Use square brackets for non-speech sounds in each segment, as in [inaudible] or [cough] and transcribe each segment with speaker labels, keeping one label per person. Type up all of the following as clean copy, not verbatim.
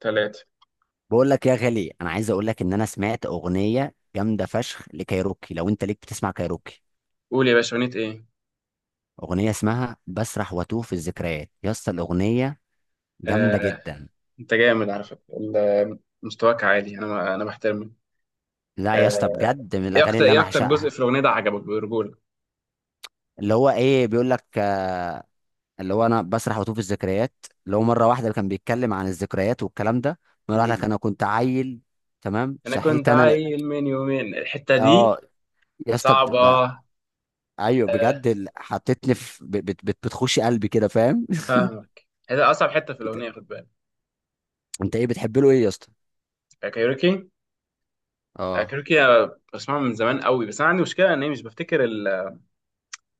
Speaker 1: ثلاثة.
Speaker 2: بقول لك يا غالي، انا عايز اقول لك ان انا سمعت اغنيه جامده فشخ لكايروكي، لو انت ليك بتسمع كايروكي.
Speaker 1: قول يا باشا، أغنية إيه؟
Speaker 2: اغنيه اسمها بسرح واتوه في الذكريات يا اسطى، الاغنيه جامده
Speaker 1: آه،
Speaker 2: جدا.
Speaker 1: أنت جامد على فكرة. مستواك عالي. أنا بحترمك.
Speaker 2: لا يا اسطى،
Speaker 1: آه،
Speaker 2: بجد من الاغاني اللي
Speaker 1: إيه
Speaker 2: انا
Speaker 1: أكتر جزء
Speaker 2: بعشقها.
Speaker 1: في الأغنية ده عجبك برجولة؟
Speaker 2: اللي هو ايه بيقول لك، اللي هو انا بسرح واتوه في الذكريات. اللي هو مره واحده كان بيتكلم عن الذكريات والكلام ده. مره
Speaker 1: مم.
Speaker 2: لك انا كنت عيل. تمام،
Speaker 1: أنا كنت
Speaker 2: صحيت انا لق...
Speaker 1: عيل من يومين، الحتة دي
Speaker 2: اه، يا اسطى،
Speaker 1: صعبة.
Speaker 2: ايوه
Speaker 1: آه،
Speaker 2: بجد، حطيتني في بتخش قلبي كده، فاهم.
Speaker 1: فاهمك، هذا أصعب حتة في
Speaker 2: [laughs] انت
Speaker 1: الأغنية، خد بالك.
Speaker 2: انت ايه بتحب له، ايه يا اسطى؟
Speaker 1: آه، كايروكي. آه،
Speaker 2: اه،
Speaker 1: كايروكي أنا بسمعه من زمان قوي، بس أنا عندي مشكلة إن أنا مش بفتكر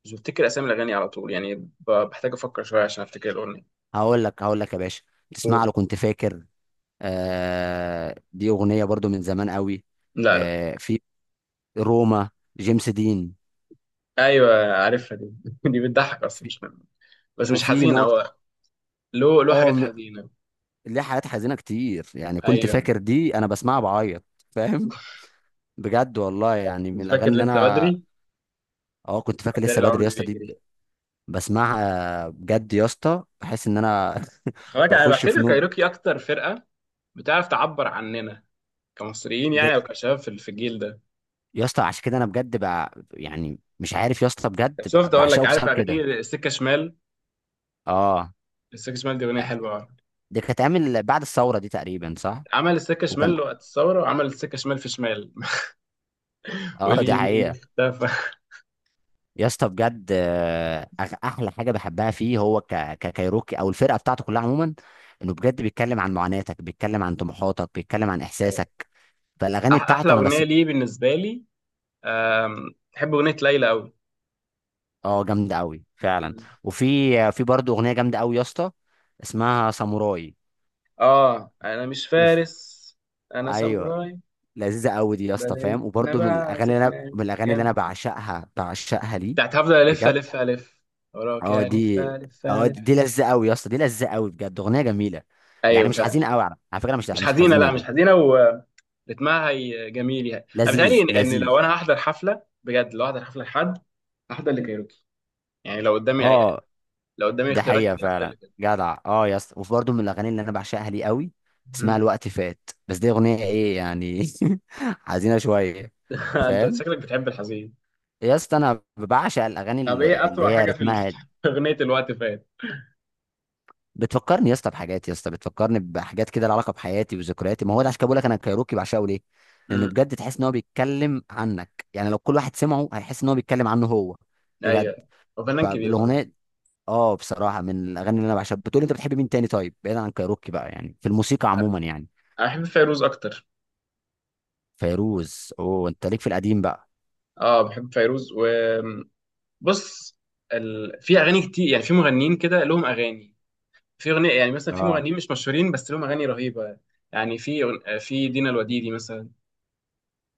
Speaker 1: مش بفتكر أسامي الأغاني على طول، يعني بحتاج أفكر شوية عشان أفتكر الأغنية.
Speaker 2: هقول لك يا باشا. تسمع
Speaker 1: قول.
Speaker 2: له، كنت فاكر. آه، دي اغنيه برضو من زمان قوي.
Speaker 1: لا، لا.
Speaker 2: آه، في روما، جيمس دين.
Speaker 1: أيوه، عارفها دي. [laughs] دي بتضحك أصلا
Speaker 2: في
Speaker 1: مش، بس مش
Speaker 2: وفي
Speaker 1: حزين
Speaker 2: نقطه.
Speaker 1: او له
Speaker 2: اه،
Speaker 1: حاجات حزينه.
Speaker 2: ليه حاجات حزينه كتير، يعني كنت
Speaker 1: ايوه.
Speaker 2: فاكر دي انا بسمعها بعيط. فاهم. بجد والله، يعني من
Speaker 1: انت فاكر
Speaker 2: الاغاني اللي
Speaker 1: لسه
Speaker 2: انا.
Speaker 1: بدري،
Speaker 2: اه، كنت فاكر
Speaker 1: اتاري
Speaker 2: لسه بدري
Speaker 1: العمر
Speaker 2: يا اسطى، دي
Speaker 1: بيجري.
Speaker 2: بسمعها بجد يا اسطى، بحس ان انا [laughs]
Speaker 1: خلاك، انا
Speaker 2: بخش في
Speaker 1: بعتبر
Speaker 2: نوم.
Speaker 1: كايروكي اكتر فرقه بتعرف تعبر عننا كمصريين،
Speaker 2: ج-
Speaker 1: يعني او كشباب في الجيل ده.
Speaker 2: يا اسطى، عشان كده انا بجد بقى، يعني مش عارف يا اسطى بجد،
Speaker 1: طب شفت، اقول لك،
Speaker 2: بعشقه
Speaker 1: عارف
Speaker 2: بسبب
Speaker 1: اغاني
Speaker 2: كده.
Speaker 1: السكه شمال؟
Speaker 2: اه،
Speaker 1: السكه شمال دي اغنيه حلوه أوي.
Speaker 2: دي كانت اتعمل بعد الثوره دي تقريبا، صح؟
Speaker 1: عمل السكه
Speaker 2: وكان.
Speaker 1: شمال وقت الثوره، وعمل السكه شمال في شمال.
Speaker 2: [laughs]
Speaker 1: [laughs]
Speaker 2: اه، دي
Speaker 1: واليمين
Speaker 2: حقيقه.
Speaker 1: اختفى.
Speaker 2: يا اسطى بجد، احلى حاجه بحبها فيه هو ككايروكي او الفرقه بتاعته كلها عموما. انه بجد بيتكلم عن معاناتك، بيتكلم عن طموحاتك، بيتكلم عن
Speaker 1: ايوه.
Speaker 2: احساسك. فالاغاني
Speaker 1: احلى
Speaker 2: بتاعته انا
Speaker 1: اغنيه
Speaker 2: بس.
Speaker 1: ليه بالنسبه لي، بحب اغنيه ليلى قوي.
Speaker 2: اه، جامده قوي فعلا. وفي برضه اغنيه جامده قوي يا اسطى، اسمها ساموراي.
Speaker 1: اه، انا مش
Speaker 2: اوف.
Speaker 1: فارس، انا
Speaker 2: ايوه.
Speaker 1: ساموراي.
Speaker 2: لذيذه قوي دي يا اسطى،
Speaker 1: بعدين
Speaker 2: فاهم،
Speaker 1: انا
Speaker 2: وبرضه من
Speaker 1: بقى
Speaker 2: الاغاني اللي انا
Speaker 1: زفنا
Speaker 2: من الاغاني اللي
Speaker 1: جامد،
Speaker 2: انا بعشقها ليه.
Speaker 1: بتاعت هفضل الف
Speaker 2: بجد.
Speaker 1: الف الف وراك
Speaker 2: اه
Speaker 1: يا الف
Speaker 2: دي
Speaker 1: الف
Speaker 2: اه
Speaker 1: الف.
Speaker 2: دي لذة قوي يا اسطى، دي لذة قوي، بجد اغنيه جميله. يعني
Speaker 1: ايوه
Speaker 2: مش حزينه
Speaker 1: فعلا.
Speaker 2: قوي، على فكره، مش
Speaker 1: مش
Speaker 2: مش
Speaker 1: حزينه،
Speaker 2: حزينه
Speaker 1: لا مش
Speaker 2: دي.
Speaker 1: حزينه ورتمها. هي جميل، يعني انا بيتهيألي
Speaker 2: لذيذ
Speaker 1: إن
Speaker 2: لذيذ.
Speaker 1: لو انا هحضر حفله بجد، لو هحضر حفله لحد هحضر لكايروكي، يعني لو قدامي
Speaker 2: اه،
Speaker 1: لو قدامي
Speaker 2: دي
Speaker 1: اختيارات
Speaker 2: حقيقه
Speaker 1: كتير هحضر
Speaker 2: فعلا
Speaker 1: لكايروكي.
Speaker 2: جدع، اه يا اسطى، وبرده من الاغاني اللي انا بعشقها ليه قوي. اسمها
Speaker 1: أمم.
Speaker 2: الوقت فات، بس دي اغنيه ايه يعني. [laughs] حزينه شويه.
Speaker 1: [laughs] انت
Speaker 2: فاهم.
Speaker 1: شكلك بتحب الحزين.
Speaker 2: يا اسطى انا بعشق الاغاني
Speaker 1: طب ايه
Speaker 2: اللي
Speaker 1: اسوأ
Speaker 2: هي
Speaker 1: حاجه في
Speaker 2: رتمها.
Speaker 1: [laughs] في اغنيه الوقت فات؟
Speaker 2: بتفكرني يا اسطى بحاجات، يا اسطى بتفكرني بحاجات كده لها علاقه بحياتي وذكرياتي. ما هو ده عشان كده بقول لك انا كايروكي بعشقه ليه؟ لانه
Speaker 1: امم
Speaker 2: بجد تحس ان هو بيتكلم عنك، يعني لو كل واحد سمعه هيحس ان هو بيتكلم عنه هو. بجد.
Speaker 1: ايوه. وفنان كبير والله.
Speaker 2: فالاغنيه، اه، بصراحه من الاغاني اللي انا بعشقها. بتقول انت بتحب مين تاني؟ طيب بعيدا عن كايروكي بقى، يعني في الموسيقى عموما يعني.
Speaker 1: انا بحب فيروز اكتر.
Speaker 2: فيروز؟ اوه، انت ليك في القديم بقى.
Speaker 1: اه، بحب فيروز و بص، في اغاني كتير، يعني في مغنيين كده لهم اغاني، في اغنيه، يعني مثلا في
Speaker 2: اه،
Speaker 1: مغنيين مش مشهورين بس لهم اغاني رهيبه. يعني في دينا الوديدي مثلا.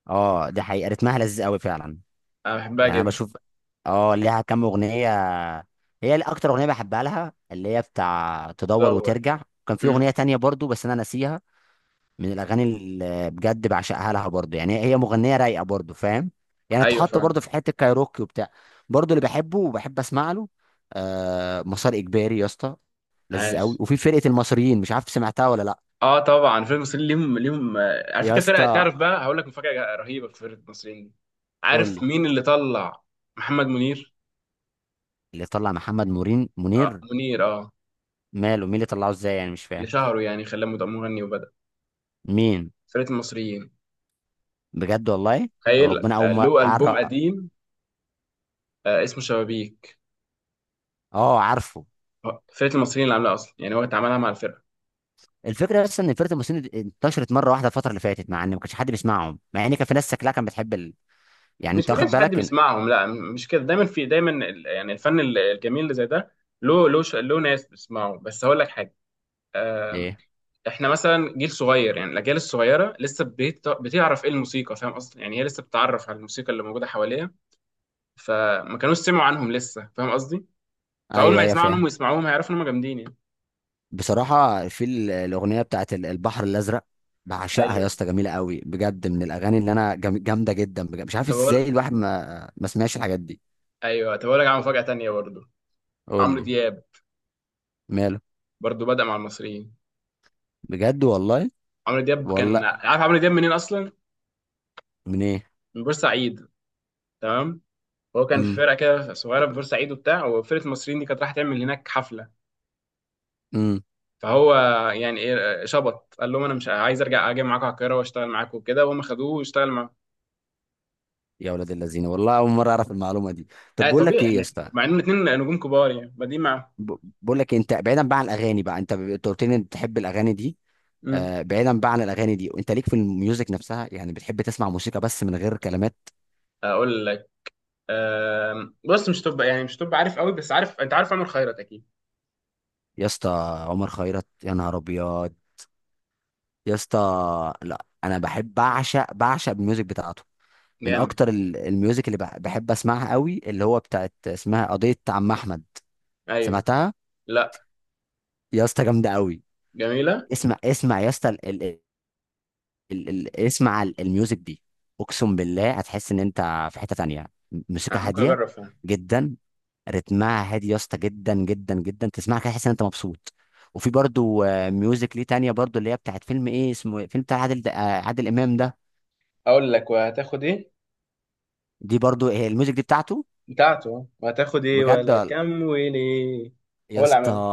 Speaker 2: اه، دي حقيقه، رتمها لذيذ قوي فعلا.
Speaker 1: انا بحبها
Speaker 2: يعني انا
Speaker 1: جدا.
Speaker 2: بشوف. اه، ليها كام اغنيه. هي اللي اكتر اغنيه بحبها لها اللي هي بتاع تدور
Speaker 1: تدور.
Speaker 2: وترجع. كان في اغنيه
Speaker 1: أمم.
Speaker 2: تانية برضو، بس انا ناسيها. من الاغاني اللي بجد بعشقها لها برضو، يعني هي مغنيه رايقه برضو، فاهم. يعني
Speaker 1: ايوه
Speaker 2: اتحط
Speaker 1: فاهم.
Speaker 2: برضو في حته كايروكي وبتاع. برضو اللي بحبه وبحب اسمع له. آه، مسار اجباري يا اسطى. لذيذ قوي،
Speaker 1: عاش.
Speaker 2: وفي فرقه المصريين مش عارف سمعتها ولا لا.
Speaker 1: اه طبعا فرقه المصريين، ليهم على
Speaker 2: يا
Speaker 1: فكره فرقه،
Speaker 2: اسطى،
Speaker 1: تعرف بقى هقول لك مفاجاه رهيبه في فرقه المصريين دي،
Speaker 2: قول
Speaker 1: عارف
Speaker 2: لي.
Speaker 1: مين اللي طلع؟ محمد منير.
Speaker 2: اللي طلع محمد مورين
Speaker 1: آه
Speaker 2: منير؟
Speaker 1: منير، اه.
Speaker 2: ماله؟ مين اللي طلعه؟ ازاي يعني؟ مش
Speaker 1: اللي
Speaker 2: فاهم.
Speaker 1: شهره يعني خلاه مغني، وبدأ
Speaker 2: مين؟
Speaker 1: فرقه المصريين.
Speaker 2: بجد والله أو
Speaker 1: تخيل،
Speaker 2: ربنا اول مره
Speaker 1: له البوم
Speaker 2: أعرف...
Speaker 1: قديم، اسمه شبابيك.
Speaker 2: اه عارفه
Speaker 1: فرقه المصريين اللي عاملاها اصلا، يعني هو اتعاملها مع الفرقه.
Speaker 2: الفكره بس ان فرقه المسلمين دي انتشرت مره واحده الفتره اللي فاتت مع ان ما كانش حد بيسمعهم مع ان كان في ناس شكلها كانت بتحب ال... يعني انت
Speaker 1: مش ما
Speaker 2: واخد
Speaker 1: كانش حد
Speaker 2: بالك إن...
Speaker 1: بيسمعهم، لا، مش كده، دايما في دايما يعني الفن الجميل اللي زي ده له ناس بتسمعه. بس هقول لك حاجه. آه،
Speaker 2: ايه
Speaker 1: احنا مثلا جيل صغير، يعني الاجيال الصغيره لسه بتعرف ايه الموسيقى، فاهم قصدي؟ يعني هي لسه بتتعرف على الموسيقى اللي موجوده حواليها، فما كانوش سمعوا عنهم لسه، فاهم قصدي؟ فاول
Speaker 2: ايوه
Speaker 1: ما
Speaker 2: ايوه
Speaker 1: يسمعوا عنهم
Speaker 2: فاهم
Speaker 1: ويسمعوهم هيعرفوا ان هم جامدين يعني.
Speaker 2: بصراحه في ال- الاغنيه بتاعت ال- البحر الازرق بعشقها
Speaker 1: ايوه
Speaker 2: يا اسطى جميله قوي بجد من الاغاني اللي انا جم... جامده جدا بجد. مش عارف
Speaker 1: طب اقول
Speaker 2: ازاي الواحد ما ما سمعش الحاجات دي
Speaker 1: ايوه طب اقول لك على مفاجاه تانيه برضه.
Speaker 2: قول
Speaker 1: عمرو
Speaker 2: لي
Speaker 1: دياب
Speaker 2: ماله
Speaker 1: برضه بدأ مع المصريين.
Speaker 2: بجد والله؟
Speaker 1: عمرو دياب، كان
Speaker 2: والله؟
Speaker 1: عارف عمرو دياب منين اصلا؟
Speaker 2: من ايه؟
Speaker 1: من بورسعيد. تمام. هو كان في
Speaker 2: امم.
Speaker 1: فرقه كده صغيره في بورسعيد وبتاع، وفرقه المصريين دي كانت رايحه تعمل هناك حفله،
Speaker 2: امم.
Speaker 1: فهو يعني ايه، شبط قال لهم انا مش عايز ارجع، اجي معاكم على القاهره واشتغل معاكم وكده، وهم خدوه واشتغل معاهم.
Speaker 2: يا ولاد الذين، والله اول مره اعرف المعلومه دي. طب
Speaker 1: اه
Speaker 2: بقول لك
Speaker 1: طبيعي،
Speaker 2: ايه يا
Speaker 1: يعني
Speaker 2: اسطى؟
Speaker 1: مع انهم اتنين نجوم كبار يعني بادئين معاهم.
Speaker 2: ب- بقول لك إيه، انت بعيدا بقى عن الاغاني بقى، انت قلت لي انت بتحب الاغاني دي.
Speaker 1: امم.
Speaker 2: بعيدا بقى عن الاغاني دي، انت ليك في الميوزك نفسها، يعني بتحب تسمع موسيقى بس من غير كلمات؟
Speaker 1: اقول لك. بص، مش تبقى يعني مش تبقى عارف قوي، بس عارف، انت عارف عمر خيرت اكيد.
Speaker 2: يا اسطى، عمر خيرت، يا نهار ابيض! يا اسطى، لا انا بحب، بعشق الميوزك بتاعته. من
Speaker 1: جامد.
Speaker 2: اكتر الميوزك اللي بحب اسمعها قوي، اللي هو بتاعت اسمها قضية عم احمد.
Speaker 1: ايوه.
Speaker 2: سمعتها؟
Speaker 1: لا.
Speaker 2: يا اسطى، جامدة قوي.
Speaker 1: جميله.
Speaker 2: اسمع، اسمع يا اسطى. ال ال اسمع الميوزك دي. اقسم بالله هتحس ان انت في حتة تانية، موسيقى
Speaker 1: ممكن
Speaker 2: هادية.
Speaker 1: اجرب فيها.
Speaker 2: جدا. رتمها هادي يا اسطى، جدا جدا جدا، تسمعها كده تحس ان انت مبسوط. وفي برضو، ميوزك ليه تانية برضو، اللي هي بتاعت فيلم ايه اسمه إيه؟ فيلم بتاع عادل، عادل امام ده.
Speaker 1: اقول لك، وهتاخد ايه؟
Speaker 2: دي برضو هي الميوزك دي بتاعته.
Speaker 1: بتاعته، وهتاخد ايه
Speaker 2: بجد،
Speaker 1: ولا كم وليه؟
Speaker 2: يا
Speaker 1: هو اللي
Speaker 2: اسطى،
Speaker 1: عملها،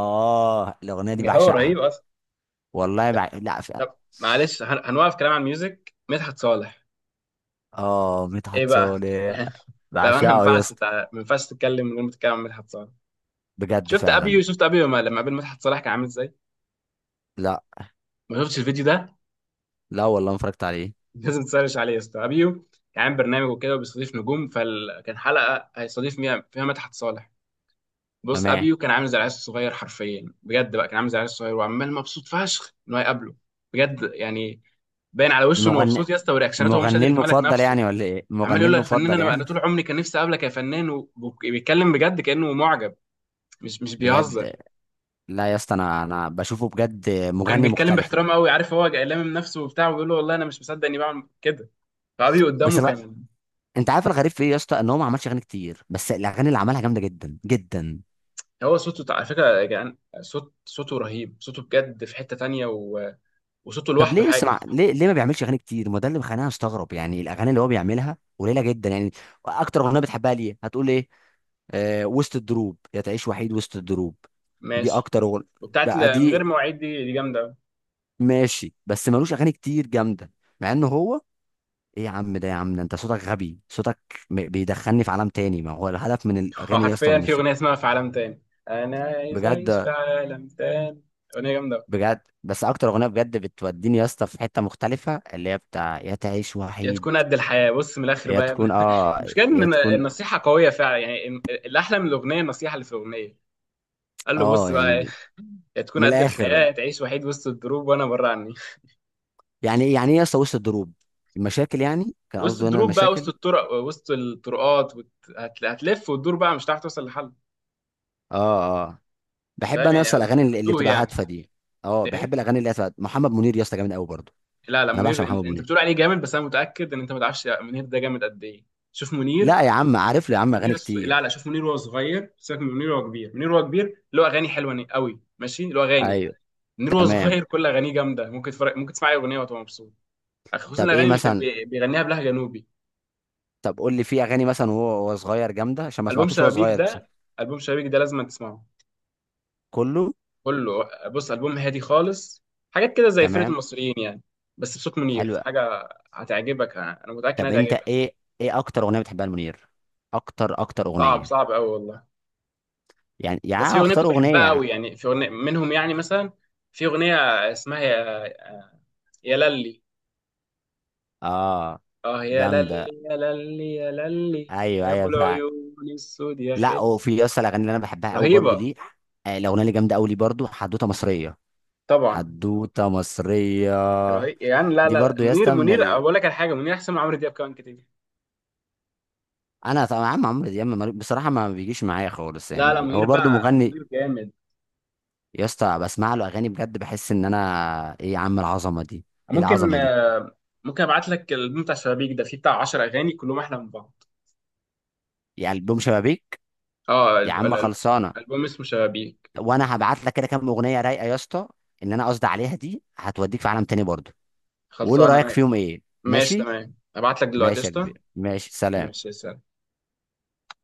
Speaker 2: الاغنية دي
Speaker 1: هو
Speaker 2: بعشقها.
Speaker 1: رهيب اصلا.
Speaker 2: والله لا
Speaker 1: طب معلش، هنوقف كلام عن الميوزك. مدحت صالح.
Speaker 2: اه،
Speaker 1: ايه
Speaker 2: مدحت
Speaker 1: بقى،
Speaker 2: صالح.
Speaker 1: يعني بقى انا
Speaker 2: بعشقه يا اسطى.
Speaker 1: ما ينفعش تتكلم من غير ما تتكلم عن مدحت صالح.
Speaker 2: بجد
Speaker 1: شفت
Speaker 2: فعلا.
Speaker 1: ابيو، شفت ابيو لما قابل مدحت صالح كان عامل ازاي؟
Speaker 2: لا،
Speaker 1: ما شفتش الفيديو ده؟
Speaker 2: لا والله ما اتفرجت عليه.
Speaker 1: [laughs] لازم تسرش عليه يا اسطى. ابيو كان عامل برنامج وكده وبيستضيف نجوم، فكان حلقه هيستضيف فيها مدحت صالح. بص،
Speaker 2: تمام.
Speaker 1: ابيو كان عامل زي العيال الصغير حرفيا بجد بقى، كان عامل زي العيال الصغير، وعمال مبسوط فشخ انه هيقابله بجد يعني. باين على وشه انه مبسوط
Speaker 2: مغني
Speaker 1: يا اسطى، ورياكشناته هو مش
Speaker 2: مغني
Speaker 1: قادر يتملك
Speaker 2: المفضل
Speaker 1: نفسه.
Speaker 2: يعني ولا ايه،
Speaker 1: عمال
Speaker 2: مغني
Speaker 1: يقول له يا فنان،
Speaker 2: المفضل
Speaker 1: انا
Speaker 2: يعني؟
Speaker 1: طول عمري كان نفسي اقابلك يا فنان، وبيتكلم بجد كانه معجب، مش
Speaker 2: بجد.
Speaker 1: بيهزر.
Speaker 2: لا يا اسطى، انا بشوفه بجد
Speaker 1: وكان
Speaker 2: مغني
Speaker 1: بيتكلم
Speaker 2: مختلف.
Speaker 1: باحترام قوي، عارف، هو لامم من نفسه وبتاع، وبيقول له والله انا مش مصدق اني بعمل كده، فابي
Speaker 2: بس
Speaker 1: قدامه
Speaker 2: بقى.
Speaker 1: كان.
Speaker 2: انت عارف الغريب في ايه يا اسطى؟ ان هو ما عملش اغاني كتير، بس الاغاني اللي عملها جامده جدا جدا.
Speaker 1: هو صوته على فكره يا جدعان، صوته رهيب، صوته بجد في حته تانية وصوته
Speaker 2: طب
Speaker 1: لوحده
Speaker 2: ليه؟
Speaker 1: حاجه.
Speaker 2: اسمع، ليه ما بيعملش اغاني كتير؟ ما ده اللي مخليني استغرب، يعني الاغاني اللي هو بيعملها قليله جدا يعني. اكتر اغنيه بتحبها ليه هتقول ايه؟ آه، وسط الدروب، يا تعيش وحيد وسط الدروب. دي
Speaker 1: ماشي.
Speaker 2: اكتر اغنيه.
Speaker 1: وبتاعت
Speaker 2: بقى
Speaker 1: من غير
Speaker 2: دي.
Speaker 1: مواعيد دي جامده أوي.
Speaker 2: ماشي، بس ملوش اغاني كتير جامده. مع انه هو. ايه يا عم ده، يا عم ده، انت صوتك غبي، صوتك. بيدخلني في عالم تاني، ما هو الهدف من
Speaker 1: [laughs]
Speaker 2: الاغاني يا اسطى
Speaker 1: حرفيا في
Speaker 2: والموسيقى؟
Speaker 1: اغنيه اسمها في عالم تاني، انا عايز اعيش
Speaker 2: بجد.
Speaker 1: في عالم تاني، اغنيه جامده أوي.
Speaker 2: بجد، بس اكتر اغنيه بجد بتوديني يا اسطى في حته مختلفه، اللي هي بتاع يا تعيش
Speaker 1: يا
Speaker 2: وحيد.
Speaker 1: تكون قد الحياة، بص من الآخر
Speaker 2: يا
Speaker 1: بقى يا ابني.
Speaker 2: تكون،
Speaker 1: [laughs]
Speaker 2: اه.
Speaker 1: المشكلة
Speaker 2: يا
Speaker 1: إن
Speaker 2: تكون.
Speaker 1: النصيحة قوية فعلا، يعني الأحلى من الأغنية النصيحة اللي في الأغنية. قال له بص
Speaker 2: اه
Speaker 1: بقى،
Speaker 2: يعني.
Speaker 1: يا تكون
Speaker 2: من
Speaker 1: قد الحياة،
Speaker 2: الاخر.
Speaker 1: يا تعيش وحيد وسط الدروب وأنا بره عني.
Speaker 2: يعني ايه، يعني ايه يا اسطى وسط الدروب؟ المشاكل يعني، كان
Speaker 1: وسط
Speaker 2: قصده هنا
Speaker 1: الدروب بقى، وسط
Speaker 2: المشاكل.
Speaker 1: الطرق، وسط الطرقات، هتلف وتدور بقى، مش هتعرف توصل لحل.
Speaker 2: اه. اه. بحب
Speaker 1: فاهم
Speaker 2: انا يا
Speaker 1: يعني،
Speaker 2: اسطى
Speaker 1: قصدي
Speaker 2: الاغاني اللي
Speaker 1: هتوه
Speaker 2: بتبقى
Speaker 1: يعني.
Speaker 2: هادفه دي. اه،
Speaker 1: إيه؟
Speaker 2: بحب الاغاني اللي هادفه. محمد منير يا اسطى جامد قوي برضه.
Speaker 1: لا، لا
Speaker 2: انا بعشق
Speaker 1: منير. انت,
Speaker 2: محمد
Speaker 1: انت
Speaker 2: منير.
Speaker 1: بتقول عليه جامد، بس انا متاكد ان انت ما تعرفش منير ده جامد قد ايه. شوف منير.
Speaker 2: لا يا عم، عارف له يا عم اغاني
Speaker 1: لا، لا
Speaker 2: كتير.
Speaker 1: شوف منير وهو صغير، سيبك من منير وهو كبير. منير وهو كبير له اغاني حلوه قوي ماشي، له اغاني.
Speaker 2: ايوه.
Speaker 1: منير وهو
Speaker 2: تمام.
Speaker 1: صغير كل اغانيه جامده، ممكن تفرق، ممكن تسمع اي اغنيه وتبقى مبسوط. خصوصا
Speaker 2: طب
Speaker 1: الاغاني
Speaker 2: ايه
Speaker 1: اللي كان
Speaker 2: مثلا؟
Speaker 1: بيغنيها بلهجه جنوبي.
Speaker 2: طب قول لي في اغاني مثلا وهو صغير جامده، عشان ما
Speaker 1: البوم
Speaker 2: سمعتوش وهو
Speaker 1: شبابيك
Speaker 2: صغير بس.
Speaker 1: ده البوم شبابيك ده لازم تسمعه،
Speaker 2: كله.
Speaker 1: كله. بص البوم هادي خالص، حاجات كده زي فرقه
Speaker 2: تمام.
Speaker 1: المصريين يعني، بس بصوت منير في
Speaker 2: حلو.
Speaker 1: حاجه هتعجبك. أنا متاكد انها
Speaker 2: طب انت
Speaker 1: هتعجبك.
Speaker 2: ايه؟ ايه اكتر اغنيه بتحبها لمنير؟ اكتر اكتر
Speaker 1: صعب،
Speaker 2: اغنيه.
Speaker 1: صعب قوي والله.
Speaker 2: يعني
Speaker 1: بس في
Speaker 2: يعني
Speaker 1: اغنيه
Speaker 2: اختار
Speaker 1: كنت بحبها
Speaker 2: اغنيه.
Speaker 1: قوي، يعني في اغنيه منهم يعني مثلا، في اغنيه اسمها يا للي.
Speaker 2: اه،
Speaker 1: اه يا
Speaker 2: جامده.
Speaker 1: للي يا للي يا للي
Speaker 2: ايوه،
Speaker 1: يا ابو
Speaker 2: ايوه فعلا.
Speaker 1: العيون السود يا
Speaker 2: لا،
Speaker 1: خالي.
Speaker 2: وفي يا اسطى الاغاني اللي انا بحبها قوي برضو
Speaker 1: رهيبه.
Speaker 2: ليه. آه، الاغنيه اللي جامده قوي ليه برضو، حدوته مصريه.
Speaker 1: طبعا.
Speaker 2: حدوته مصريه.
Speaker 1: رهيب يعني. لا
Speaker 2: دي
Speaker 1: لا لا
Speaker 2: برضو يا
Speaker 1: منير.
Speaker 2: اسطى من
Speaker 1: منير اقول لك على حاجه، منير احسن من عمرو دياب كمان كتير.
Speaker 2: انا طبعا عم عمرو دياب، بصراحه ما بيجيش معايا خالص،
Speaker 1: لا لا
Speaker 2: يعني
Speaker 1: منير
Speaker 2: هو برضو
Speaker 1: بقى،
Speaker 2: مغني.
Speaker 1: منير جامد.
Speaker 2: يا اسطى بسمع له اغاني بجد، بحس ان انا ايه يا عم العظمه دي. ايه
Speaker 1: ممكن
Speaker 2: العظمه دي؟
Speaker 1: آه، ممكن ابعت لك الالبوم بتاع شبابيك ده، فيه بتاع 10 اغاني كلهم احلى من بعض.
Speaker 2: يعني البوم شبابيك؟
Speaker 1: اه
Speaker 2: يا عم، خلصانه.
Speaker 1: الالبوم اسمه شبابيك.
Speaker 2: وانا هبعت لك كده كام اغنيه رايقه يا اسطى، ان انا قصدي عليها دي هتوديك في عالم تاني برضه. وقول لي
Speaker 1: خلصان
Speaker 2: رايك
Speaker 1: انا.
Speaker 2: فيهم ايه،
Speaker 1: ماشي
Speaker 2: ماشي؟
Speaker 1: تمام، ابعت لك دلوقتي،
Speaker 2: ماشي يا
Speaker 1: قشطه.
Speaker 2: كبير، ماشي،
Speaker 1: ماشي.
Speaker 2: سلام.